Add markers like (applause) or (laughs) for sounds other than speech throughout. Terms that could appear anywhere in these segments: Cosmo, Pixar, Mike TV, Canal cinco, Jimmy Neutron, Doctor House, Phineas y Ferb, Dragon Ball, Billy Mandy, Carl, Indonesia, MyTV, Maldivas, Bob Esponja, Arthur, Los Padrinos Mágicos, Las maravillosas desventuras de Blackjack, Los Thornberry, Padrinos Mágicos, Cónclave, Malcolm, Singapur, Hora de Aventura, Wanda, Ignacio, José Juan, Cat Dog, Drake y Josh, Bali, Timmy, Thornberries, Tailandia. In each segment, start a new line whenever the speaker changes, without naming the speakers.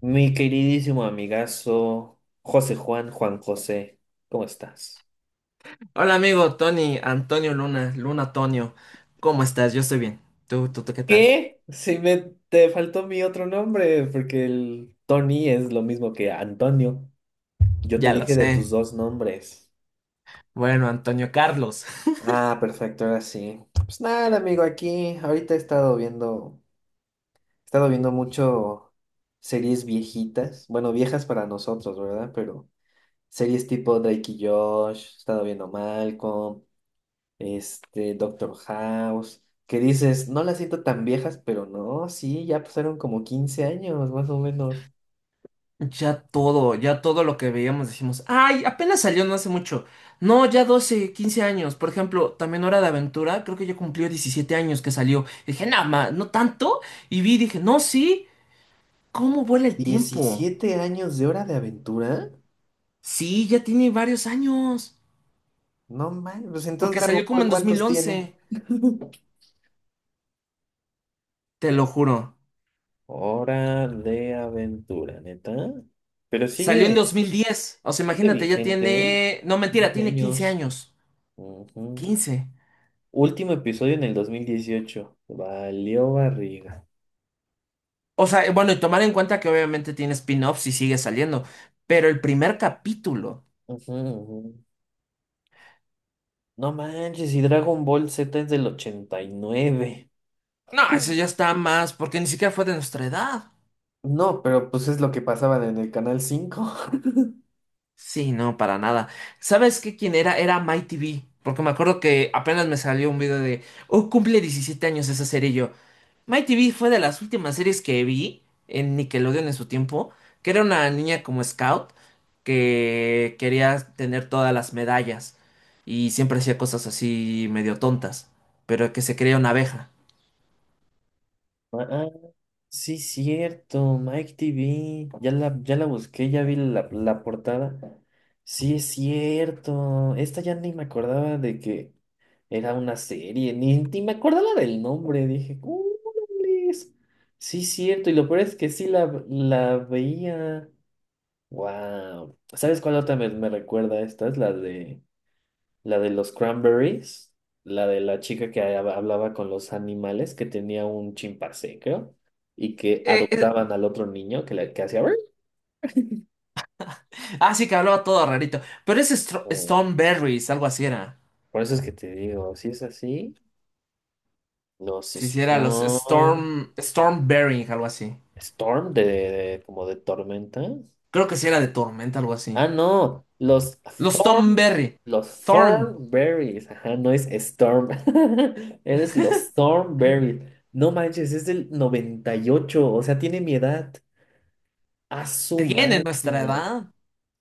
Mi queridísimo amigazo José Juan, Juan José, ¿cómo estás?
Hola amigo Tony, Antonio Luna, Luna Antonio, ¿cómo estás? Yo estoy bien. ¿Tú qué tal?
¿Qué? Si me te faltó mi otro nombre, porque el Tony es lo mismo que Antonio. Yo te
Ya lo
dije de tus
sé.
dos nombres.
Bueno, Antonio Carlos.
Ah, perfecto, ahora sí. Pues nada, amigo, aquí ahorita he estado viendo mucho series viejitas, bueno, viejas para nosotros, ¿verdad? Pero series tipo Drake y Josh, he estado viendo Malcolm, Doctor House, que dices, no las siento tan viejas, pero no, sí, ya pasaron como quince años, más o menos.
(laughs) Ya todo lo que veíamos decimos, ay, apenas salió no hace mucho. No, ya 12 15 años. Por ejemplo, también Hora de Aventura, creo que ya cumplió 17 años que salió. Y dije, nada más, no tanto. Y vi, dije, no, sí, ¿cómo vuela el tiempo?
¿Diecisiete años de Hora de Aventura?
Sí, ya tiene varios años,
No man, pues entonces
porque
Dragon
salió como
Ball,
en dos mil
¿cuántos tiene?
once
(laughs)
te lo
Eh,
juro.
Hora de Aventura, neta. Pero
Salió en
sigue,
2010. O sea,
sigue
imagínate, ya
vigente, ¿eh?
tiene. No, mentira,
15
tiene 15
años.
años.
Ujú.
15.
Último episodio en el dos mil dieciocho. Valió barriga.
O sea, bueno, y tomar en cuenta que obviamente tiene spin-offs y sigue saliendo. Pero el primer capítulo.
Ujú, ujú. No manches, y Dragon Ball Z es del 89.
No,
Mm.
eso ya está más, porque ni siquiera fue de nuestra edad.
No, pero pues es lo que pasaban en el Canal cinco.
Sí, no, para nada. ¿Sabes qué? ¿Quién era? Era MyTV. Porque me acuerdo que apenas me salió un video de. Oh, cumple 17 años esa serie y yo. My TV fue de las últimas series que vi en Nickelodeon en su tiempo, que era una niña como scout que quería tener todas las medallas y siempre hacía cosas así medio tontas, pero que se creía una abeja.
Ah, sí, cierto, Mike TV. Ya la busqué, ya vi la portada. Sí, es cierto. Esta ya ni me acordaba de que era una serie, ni me acordaba del nombre. Dije, "Órales". Sí, cierto. Y lo peor es que sí la veía. Wow. ¿Sabes cuál otra me recuerda a esta? Es la de los cranberries, la de la chica que hablaba con los animales, que tenía un chimpancé, creo, y que
Eh, eh,
adoptaban al otro niño que hacía. "Ruiz".
ah, sí, que hablaba todo rarito, pero es
Mm,
Stormberries, algo así era.
por eso es que te digo, si es así, los
Si sí, era los
Strong,
Stormberry, algo así.
Storm como de tormenta.
Creo que sí era de tormenta, algo así.
Ah, no, los
Los
Thorn,
Thornberry.
los
Thorn.
Thornberries. Ajá, no es Storm. (laughs) Eres los Thornberries. No manches, es del 98, o sea, tiene mi edad. A su
¿Tienen nuestra
máquina.
edad?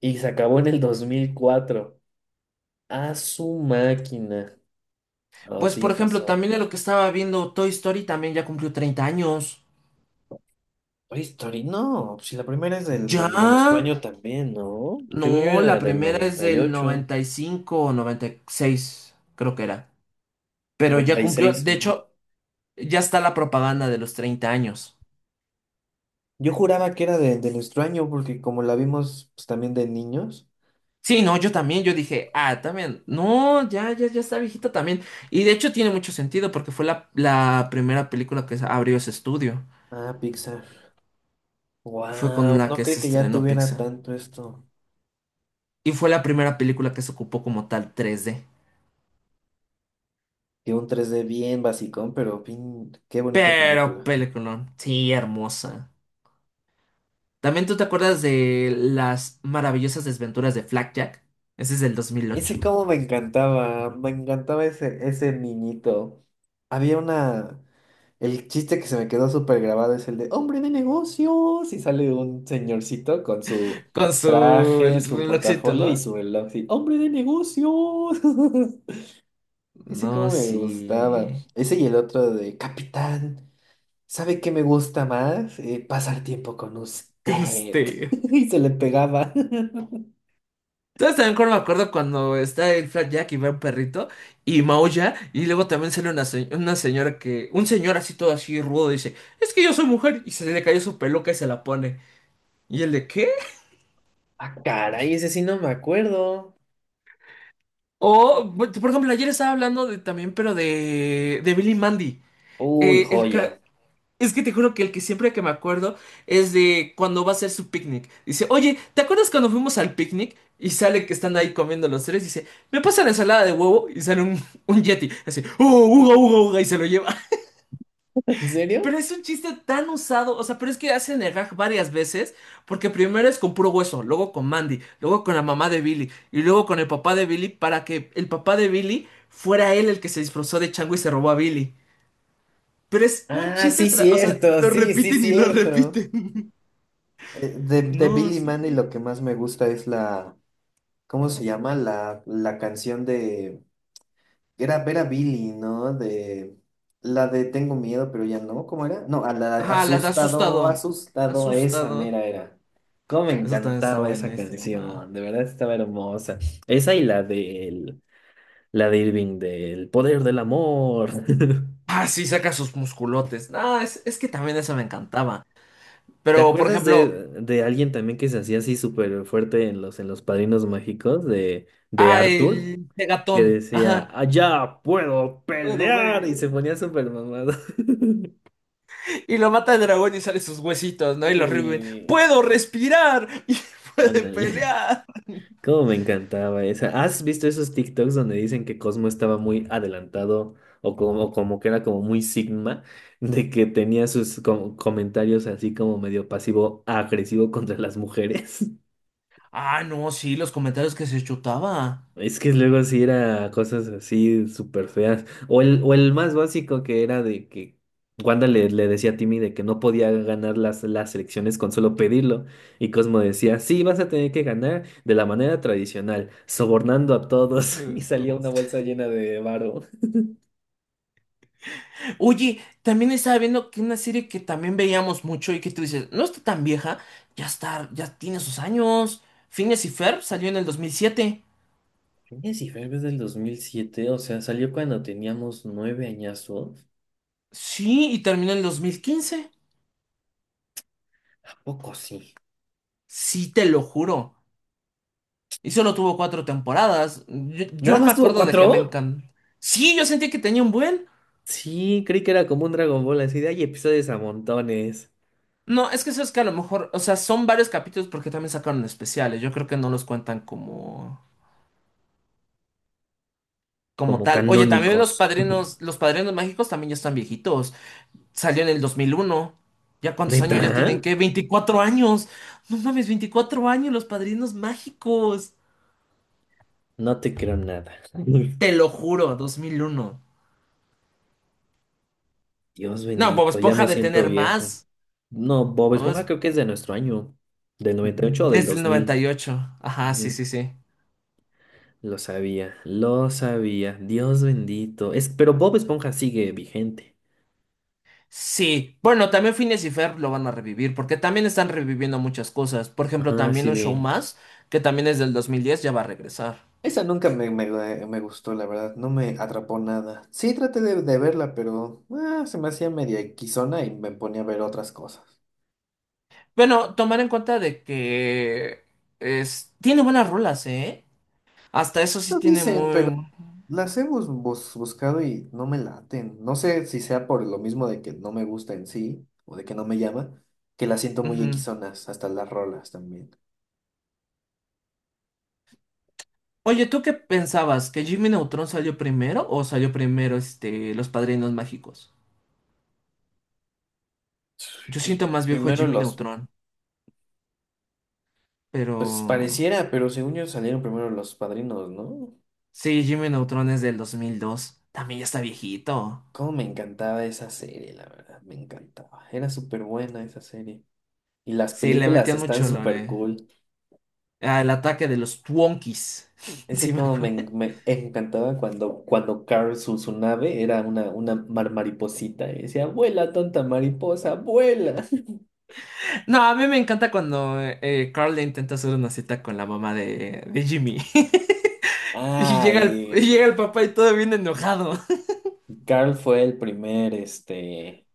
Y se acabó en el dos mil cuatro. A su máquina. Oh,
Pues
sí,
por
ya
ejemplo,
pasó.
también de lo que estaba viendo, Toy Story también ya cumplió 30 años.
Oye, Story, no, si la primera es
¿Ya?
de nuestro año también, ¿no? Según yo
No, la
era del
primera es del 95 o noventa y seis, creo que era.
98,
Pero ya cumplió,
96.
de hecho, ya está la propaganda de los 30 años.
Yo juraba que era del extraño, porque como la vimos pues, también de niños.
Sí, no, yo también, yo dije, ah, también, no, ya, ya, ya está viejita también. Y de hecho tiene mucho sentido porque fue la primera película que abrió ese estudio.
Ah, Pixar.
Fue con
Wow,
la
no
que
creí
se
que ya
estrenó
tuviera
Pixar.
tanto esto.
Y fue la primera película que se ocupó como tal 3D.
Que un 3D bien basicón, pero bien, qué bonita
Pero
película.
peliculón, sí, hermosa. También tú te acuerdas de las maravillosas desventuras de Blackjack. Ese es del
Ese
2008.
como me encantaba, ese niñito. Había una... El chiste que se me quedó súper grabado es el de hombre de negocios, y sale un señorcito con su
Con su
traje,
el
su
relojcito,
portafolio y
¿no?
su reloj. Y, hombre de negocios. (laughs) Ese
No,
como me gustaba.
sí.
Ese y el otro de Capitán, ¿sabe qué me gusta más? Pasar tiempo con usted.
Con
(laughs)
usted.
Y se le pegaba. (laughs)
¿Sabes también cuando me acuerdo cuando está el Jack y ve un perrito y maulla y luego también sale una, una señora que, un señor así todo así rudo dice, es que yo soy mujer y se le cayó su peluca y se la pone. ¿Y el de qué?
Ah, caray, ese sí no me acuerdo.
O, por ejemplo, ayer estaba hablando de también, pero de Billy Mandy.
Uy,
Eh, el
joya.
ca- es que te juro que el que siempre que me acuerdo es de cuando va a hacer su picnic. Dice, oye, ¿te acuerdas cuando fuimos al picnic? Y sale que están ahí comiendo los tres. Dice, me pasa la ensalada de huevo y sale un yeti. Así, ¡uh, uga, uga, uga! Y se lo lleva.
(laughs) ¿En serio?
Pero es un chiste tan usado, o sea, pero es que hacen el gag varias veces, porque primero es con puro hueso, luego con Mandy, luego con la mamá de Billy, y luego con el papá de Billy, para que el papá de Billy fuera él el que se disfrazó de chango y se robó a Billy. Pero es un
Ah, sí,
chiste, o sea,
cierto,
lo
sí, sí,
repiten y lo
cierto.
repiten. (laughs)
De
No,
Billy Mandy
sí.
lo que más me gusta es la, ¿cómo se llama? La canción de, era ver a Billy, ¿no? De la de Tengo miedo, pero ya no, ¿cómo era? No, a la
Ah, la de
asustado,
asustado.
asustado, esa
Asustado.
mera era. Cómo me
Eso también está
encantaba esa
buenísima. Ah.
canción, de verdad estaba hermosa. Esa y la de Irving del poder del amor. (laughs)
Ah, sí, saca sus musculotes. Ah, es que también eso me encantaba.
¿Te
Pero, por
acuerdas
ejemplo,
de alguien también que se hacía así súper fuerte en los Padrinos Mágicos de
ah,
Arthur?
el
Que
Megatón.
decía,
Ajá.
allá puedo
Puedo
pelear y
ver.
se ponía súper mamado. (laughs)
Y lo mata el dragón y sale sus huesitos, ¿no? Y los reviven.
Sí,
¡Puedo respirar! (laughs) Y puede
ándale.
pelear.
(laughs) Cómo me encantaba esa. ¿Has visto esos TikToks donde dicen que Cosmo estaba muy adelantado o como que era como muy sigma, de que tenía sus comentarios así como medio pasivo agresivo contra las mujeres?
Ah, no, sí, los comentarios que se chutaba.
Es que luego sí era cosas así súper feas. O o el más básico, que era de que Wanda le decía a Timmy de que no podía ganar las elecciones con solo pedirlo. Y Cosmo decía, sí, vas a tener que ganar de la manera tradicional, sobornando a todos. (laughs) Y salía una
Pues.
bolsa llena de varo.
Oye, también estaba viendo que una serie que también veíamos mucho y que tú dices, no está tan vieja, ya está, ya tiene sus años. Phineas y Ferb salió en el 2007.
Phineas y Ferb es del dos mil siete, o sea, salió cuando teníamos nueve añazos.
Sí, y terminó en el 2015.
¿A poco sí?
Sí, te lo juro. Y solo tuvo cuatro temporadas. Yo,
¿Nada
yo me
más tuvo
acuerdo de que me
cuatro?
encantó. Sí, yo sentí que tenía un buen.
Sí, creí que era como un Dragon Ball, así de hay episodios a montones.
No, es que eso es que a lo mejor, o sea, son varios capítulos porque también sacaron especiales. Yo creo que no los cuentan como, como
Como
tal. Oye, también
canónicos. (laughs)
los padrinos mágicos también ya están viejitos. Salió en el 2001. ¿Ya cuántos años
¿Neta?
ya tienen? ¿Qué? ¡24 años! No mames, 24 años los padrinos mágicos.
No te creo nada. (laughs)
Te lo juro, 2001.
Dios
No, Bob
bendito, ya
Esponja
me
de
siento
tener
viejo.
más.
No, Bob Esponja creo que es de nuestro año, del 98 o del
Desde el noventa
2000.
y ocho, Ajá, sí,
Ujú.
sí, sí.
Lo sabía, lo sabía. Dios bendito. Es, pero Bob Esponja sigue vigente.
Sí, bueno, también Phineas y Ferb lo van a revivir, porque también están reviviendo muchas cosas. Por ejemplo,
Ajá,
también
sí
un show
vi.
más, que también es del 2010, ya va a regresar.
Esa nunca me gustó, la verdad, no me atrapó nada. Sí, traté de verla, pero ah, se me hacía media equisona y me ponía a ver otras cosas.
Bueno, tomar en cuenta de que es, tiene buenas rolas, ¿eh? Hasta eso sí
Lo
tiene
dicen, pero...
muy...
Las hemos buscado y no me laten. No sé si sea por lo mismo de que no me gusta en sí o de que no me llama, que las siento muy
Ujú.
equisonas, hasta las rolas también.
Oye, ¿tú qué pensabas? ¿Que Jimmy Neutron salió primero o salió primero este, Los Padrinos Mágicos? Yo
Pues
siento más viejo
primero
Jimmy
los,
Neutron,
pues
pero...
pareciera, pero según yo salieron primero los padrinos, ¿no?
Sí, Jimmy Neutron es del 2002. También ya está viejito.
Cómo me encantaba esa serie, la verdad, me encantaba. Era súper buena esa serie. Y las
Sí, le
películas
metían
están
mucho
súper
lore.
cool.
Ah, el ataque de los Twonkies. (laughs)
Ese
Sí, me
como
acuerdo.
me encantaba cuando Carl, su nave, era una mariposita. Y decía, vuela, tonta mariposa, vuela. (laughs)
No, a mí me encanta cuando Carl le intenta hacer una cita con la mamá de Jimmy. (laughs) Y
Ah,
llega el, y
y
llega el papá y todo bien enojado. (laughs)
Carl fue el primer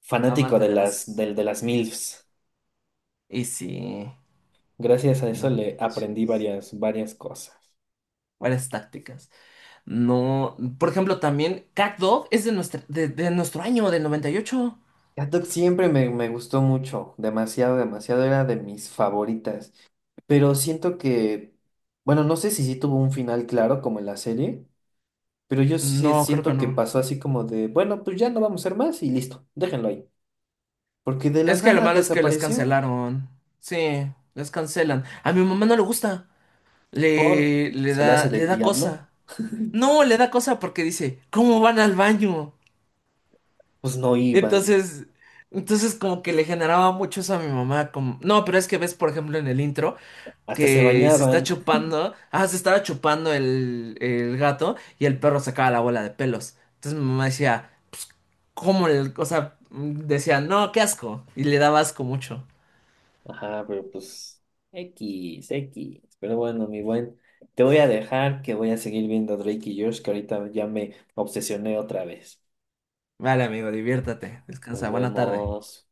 fanático
Amante
de
de
las,
las...
del de las MILFs.
Y sí,
Gracias a eso
no
le aprendí
manches.
varias cosas.
Varias tácticas. No, por ejemplo, también Cat Dog es de nuestro año, del 98.
Cat siempre me gustó mucho, demasiado, demasiado, era de mis favoritas. Pero siento que, bueno, no sé si sí tuvo un final claro como en la serie. Pero yo sí
No, creo que
siento que
no.
pasó así como de, bueno, pues ya no vamos a ser más y listo, déjenlo ahí. Porque de la
Es que lo
nada
malo es que les
desapareció,
cancelaron. Sí, les cancelan. A mi mamá no le gusta.
por
Le, le
se le hace
da, le
del
da
diablo.
cosa. No, le da cosa porque dice, ¿cómo van al baño?
Pues no iban,
Entonces, entonces como que le generaba mucho eso a mi mamá. Como... No, pero es que ves, por ejemplo, en el intro
hasta se
que se está
bañaban.
chupando. Ah, se estaba chupando el gato y el perro sacaba la bola de pelos. Entonces mi mamá decía, pues, ¿cómo el...? O sea, decía, no, qué asco. Y le daba asco mucho.
Ajá, pero pues X, X. Pero bueno, mi buen, te voy a dejar, que voy a seguir viendo Drake y Josh, que ahorita ya me obsesioné otra vez.
Vale, amigo, diviértete.
Nos
Descansa. Buena tarde.
vemos.